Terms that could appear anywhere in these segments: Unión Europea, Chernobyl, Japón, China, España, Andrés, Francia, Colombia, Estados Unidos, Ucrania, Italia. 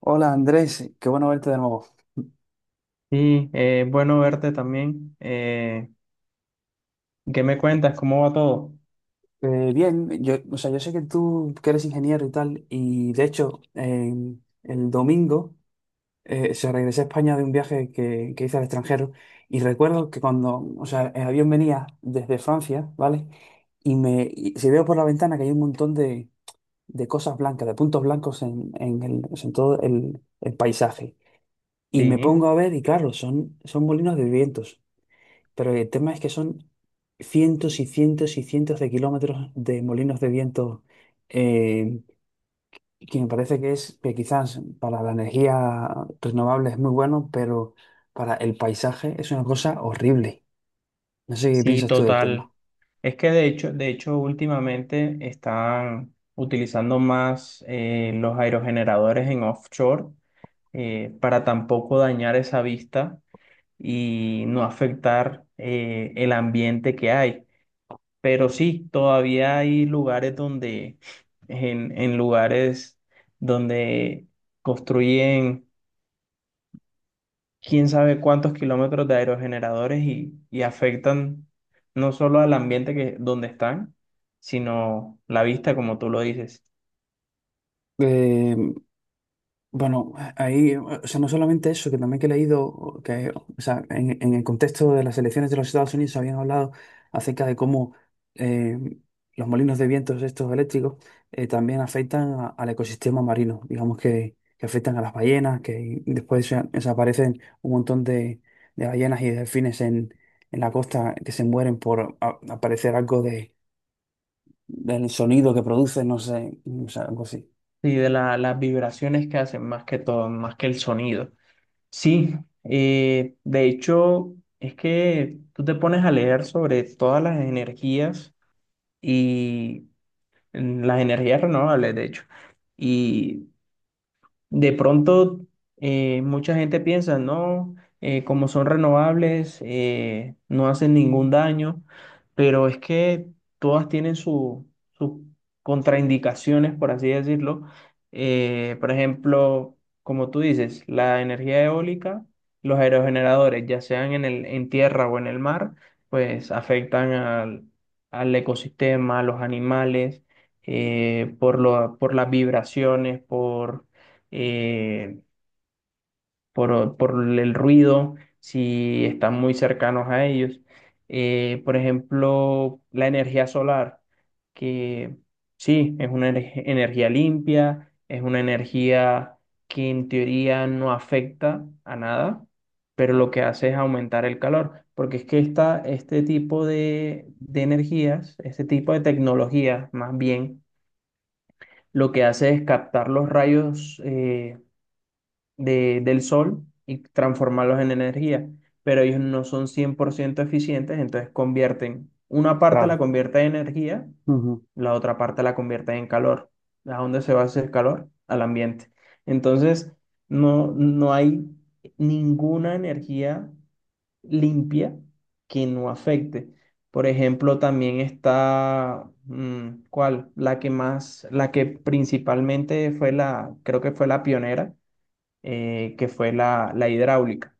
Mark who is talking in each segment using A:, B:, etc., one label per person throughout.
A: Hola Andrés, qué bueno verte de nuevo.
B: Sí, bueno verte también. ¿Qué me cuentas? ¿Cómo va todo?
A: Bien, yo, o sea, yo sé que tú que eres ingeniero y tal, y de hecho el domingo se regresé a España de un viaje que hice al extranjero y recuerdo que cuando, o sea, el avión venía desde Francia, ¿vale? Y si veo por la ventana que hay un montón de cosas blancas, de puntos blancos en el, o sea, en todo el paisaje. Y me
B: Sí,
A: pongo a ver y claro, son molinos de vientos. Pero el tema es que son cientos y cientos y cientos de kilómetros de molinos de viento, eh, que me parece que es que quizás para la energía renovable es muy bueno, pero para el paisaje es una cosa horrible. No sé qué
B: sí,
A: piensas tú del tema.
B: total. Es que de hecho, últimamente están utilizando más los aerogeneradores en offshore, para tampoco dañar esa vista y no afectar el ambiente que hay. Pero sí, todavía hay lugares donde, en lugares donde construyen quién sabe cuántos kilómetros de aerogeneradores y afectan no solo al ambiente donde están, sino la vista, como tú lo dices,
A: Eh, Bueno, ahí, o sea, no solamente eso, que también que he leído, que, o sea, en el contexto de las elecciones de los Estados Unidos habían hablado acerca de cómo eh, los molinos de vientos estos eléctricos también afectan al ecosistema marino, digamos que afectan a las ballenas, que después desaparecen un montón de ballenas y delfines en la costa que se mueren por aparecer algo de, del sonido que producen, no sé, o sea, algo así.
B: y de las vibraciones que hacen más que todo, más que el sonido. Sí, de hecho, es que tú te pones a leer sobre todas las energías y las energías renovables, de hecho. Y de pronto, mucha gente piensa, no, como son renovables, no hacen ningún daño, pero es que todas tienen sus contraindicaciones, por así decirlo. Por ejemplo, como tú dices, la energía eólica, los aerogeneradores, ya sean en tierra o en el mar, pues afectan al ecosistema, a los animales, por por las vibraciones, por eh, por el ruido, si están muy cercanos a ellos. Por ejemplo, la energía solar, que sí, es una energía limpia, es una energía que en teoría no afecta a nada, pero lo que hace es aumentar el calor, porque es que este tipo de energías, este tipo de tecnologías más bien, lo que hace es captar los rayos, del sol y transformarlos en energía, pero ellos no son 100% eficientes, entonces convierten, una parte la
A: Claro.
B: convierte en energía,
A: Ujú.
B: la otra parte la convierte en calor. ¿A dónde se va a hacer calor? Al ambiente. Entonces, no hay ninguna energía limpia que no afecte. Por ejemplo, también está, mm, ¿cuál? La que más, la que principalmente fue la, creo que fue la pionera, que fue la hidráulica.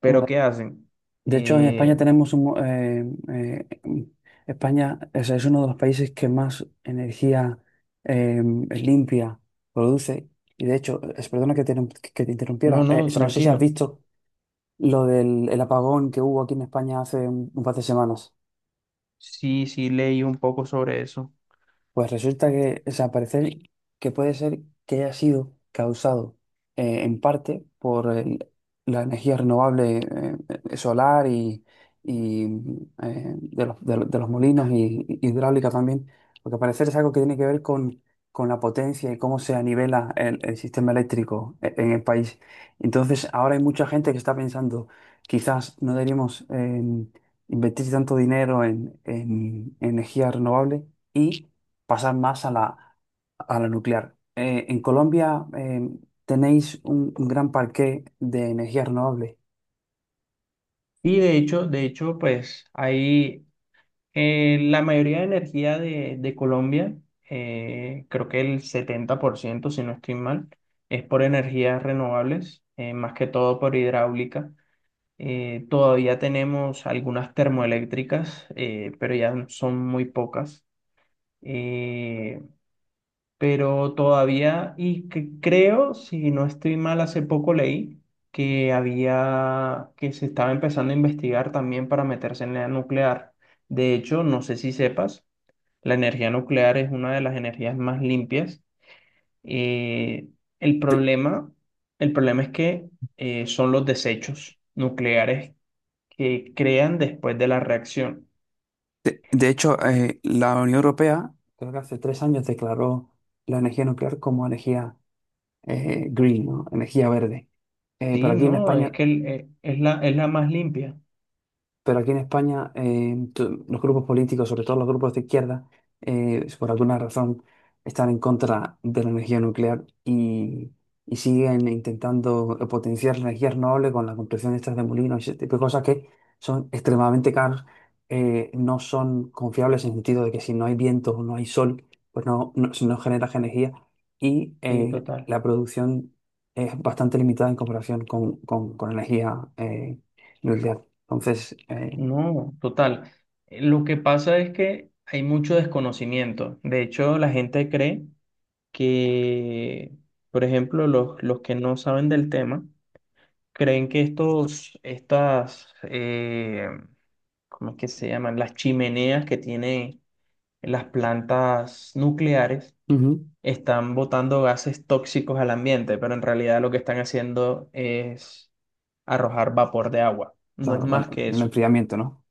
B: Pero ¿qué hacen?
A: De hecho, en España
B: Eh,
A: tenemos un, eh, España o es uno de los países que más energía eh, limpia produce. Y de hecho, perdona que que te interrumpiera.
B: no, no,
A: No sé si has
B: tranquilo.
A: visto lo del el apagón que hubo aquí en España hace un par de semanas.
B: Sí, sí, leí un poco sobre eso.
A: Pues resulta que, o sea, parece que puede ser que haya sido causado en parte por la energía renovable solar y, y, de los, de los molinos y hidráulica también, porque al parecer es algo que tiene que ver con la potencia y cómo se nivela el sistema eléctrico en el país. Entonces, ahora hay mucha gente que está pensando, quizás no deberíamos invertir tanto dinero en en energía renovable y pasar más a la nuclear. En Colombia tenéis un gran parque de energía renovable.
B: Y de hecho, pues ahí la mayoría de energía de Colombia, creo que el 70%, si no estoy mal, es por energías renovables, más que todo por hidráulica. Todavía tenemos algunas termoeléctricas, pero ya son muy pocas. Eh, pero todavía, y que creo, si no estoy mal, hace poco leí que había, que se estaba empezando a investigar también para meterse en la nuclear. De hecho, no sé si sepas, la energía nuclear es una de las energías más limpias. Eh, el problema, el problema es que son los desechos nucleares que crean después de la reacción.
A: De hecho, la Unión Europea, creo que hace tres años, declaró la energía nuclear como energía green, ¿no? Energía verde. Eh, pero
B: Sí,
A: aquí en
B: no, es
A: España
B: que es la más limpia.
A: Pero aquí en España, los grupos políticos, sobre todo los grupos de izquierda, por alguna razón están en contra de la energía nuclear y siguen intentando potenciar la energía renovable con la construcción de estas de molinos y ese tipo de cosas que son extremadamente caras, no son confiables en el sentido de que si no hay viento o no hay sol, pues no, no, si no genera energía y
B: Sí, total.
A: la producción es bastante limitada en comparación con energía nuclear. Entonces,
B: No, total. Lo que pasa es que hay mucho desconocimiento. De hecho, la gente cree que, por ejemplo, los que no saben del tema, creen que estas, ¿cómo es que se llaman? Las chimeneas que tienen las plantas nucleares
A: ujú,
B: están botando gases tóxicos al ambiente, pero en realidad lo que están haciendo es arrojar vapor de agua. No es
A: claro, bueno,
B: más que
A: el
B: eso.
A: enfriamiento, ¿no?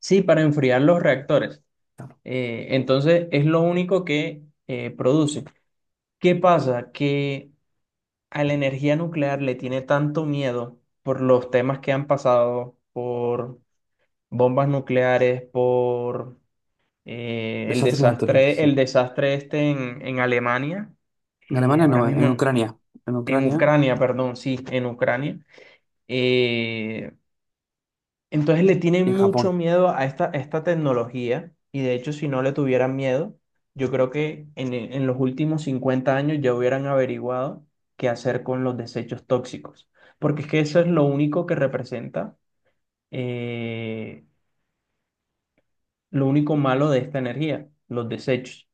B: Sí, para enfriar los reactores.
A: Claro.
B: Entonces es lo único que produce. ¿Qué pasa? Que a la energía nuclear le tiene tanto miedo por los temas que han pasado, por bombas nucleares, por el
A: Desastres naturales,
B: desastre,
A: sí.
B: el desastre este en Alemania,
A: En Alemania
B: ahora
A: no,
B: mismo
A: en Ucrania. En
B: en
A: Ucrania
B: Ucrania, perdón, sí, en Ucrania. Eh, Entonces le tienen
A: y en
B: mucho
A: Japón.
B: miedo a esta tecnología y de hecho si no le tuvieran miedo, yo creo que en los últimos 50 años ya hubieran averiguado qué hacer con los desechos tóxicos, porque es que eso es lo único que representa eh, lo único malo de esta energía, los desechos.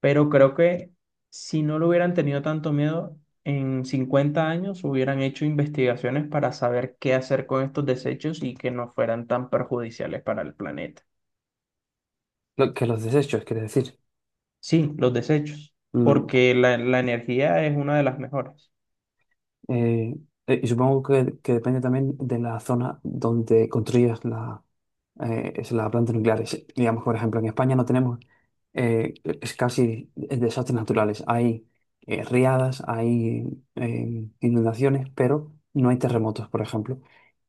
B: Pero creo que si no lo hubieran tenido tanto miedo, en 50 años hubieran hecho investigaciones para saber qué hacer con estos desechos y que no fueran tan perjudiciales para el planeta.
A: Que los desechos, quiere decir.
B: Sí, los desechos,
A: Mm,
B: porque la energía es una de las mejores.
A: eh, y supongo que depende también de la zona donde construyas la, es la planta nuclear. Digamos, que, por ejemplo, en España no tenemos eh, es casi desastres naturales. Hay riadas, hay inundaciones, pero no hay terremotos, por ejemplo,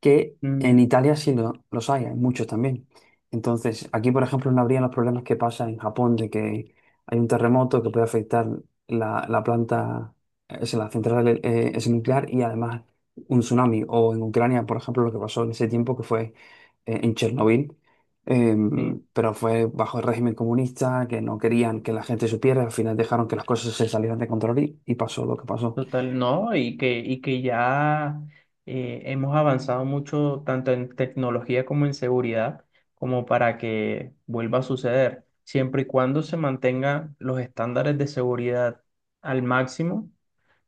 A: que en
B: Mm,
A: Italia sí los hay, hay muchos también. Entonces, aquí, por ejemplo, no habría los problemas que pasa en Japón de que hay un terremoto que puede afectar la, la planta, es la central es nuclear y además un tsunami. O en Ucrania, por ejemplo, lo que pasó en ese tiempo que fue en Chernobyl,
B: sí,
A: pero fue bajo el régimen comunista, que no querían que la gente supiera, al final dejaron que las cosas se salieran de control y pasó lo que pasó.
B: total, no, y que ya hemos avanzado mucho tanto en tecnología como en seguridad, como para que vuelva a suceder, siempre y cuando se mantengan los estándares de seguridad al máximo,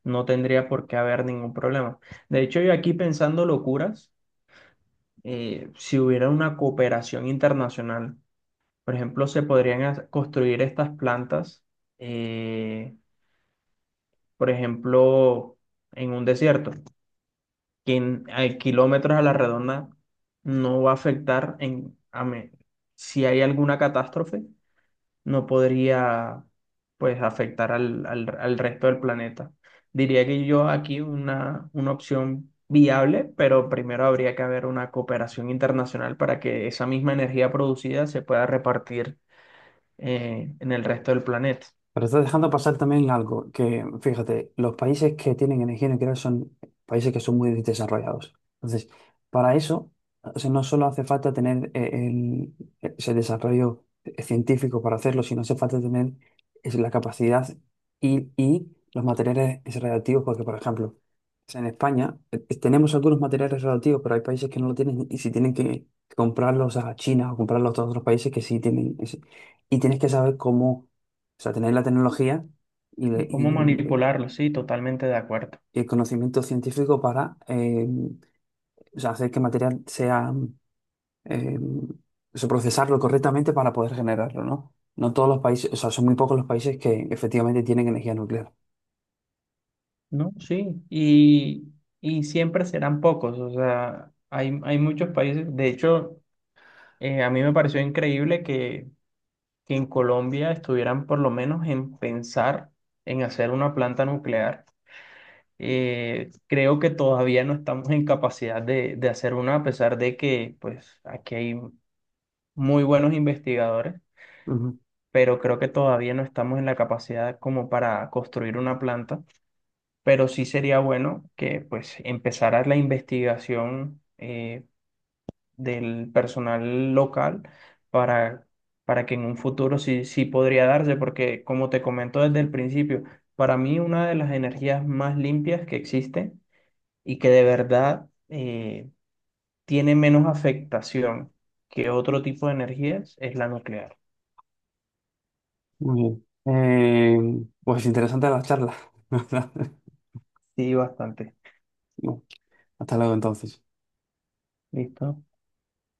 B: no tendría por qué haber ningún problema. De hecho, yo aquí pensando locuras, si hubiera una cooperación internacional. Por ejemplo, se podrían construir estas plantas, eh, por ejemplo, en un desierto, que a kilómetros a la redonda no va a afectar. Si hay alguna catástrofe, no podría pues afectar al resto del planeta. Diría que yo aquí una opción viable, pero primero habría que haber una cooperación internacional para que esa misma energía producida se pueda repartir en el resto del planeta.
A: Pero estás dejando pasar también algo que, fíjate, los países que tienen energía nuclear son países que son muy desarrollados. Entonces, para eso, o sea, no solo hace falta tener el, ese desarrollo científico para hacerlo, sino hace falta tener es la capacidad y los materiales radioactivos, porque, por ejemplo, o sea, en España tenemos algunos materiales radioactivos, pero hay países que no lo tienen y si tienen que comprarlos a China o comprarlos a otros países que sí tienen. Y tienes que saber cómo o sea, tenéis la tecnología y,
B: ¿Cómo manipularlo? Sí, totalmente de acuerdo.
A: y el conocimiento científico para o sea, hacer que el material sea, eh, o sea, procesarlo correctamente para poder generarlo, ¿no? No todos los países, o sea, son muy pocos los países que efectivamente tienen energía nuclear.
B: No, sí, y siempre serán pocos, o sea, hay muchos países, de hecho, a mí me pareció increíble que en Colombia estuvieran por lo menos en pensar en hacer una planta nuclear. Creo que todavía no estamos en capacidad de hacer una, a pesar de que pues aquí hay muy buenos investigadores,
A: Ujú.
B: pero creo que todavía no estamos en la capacidad como para construir una planta, pero sí sería bueno que pues empezara la investigación del personal local para, para que en un futuro sí, sí podría darse, porque como te comento desde el principio, para mí una de las energías más limpias que existen y que de verdad tiene menos afectación que otro tipo de energías es la nuclear.
A: Muy bien. Pues interesante la charla. ¿Verdad?
B: Sí, bastante.
A: Bueno, hasta luego entonces.
B: Listo.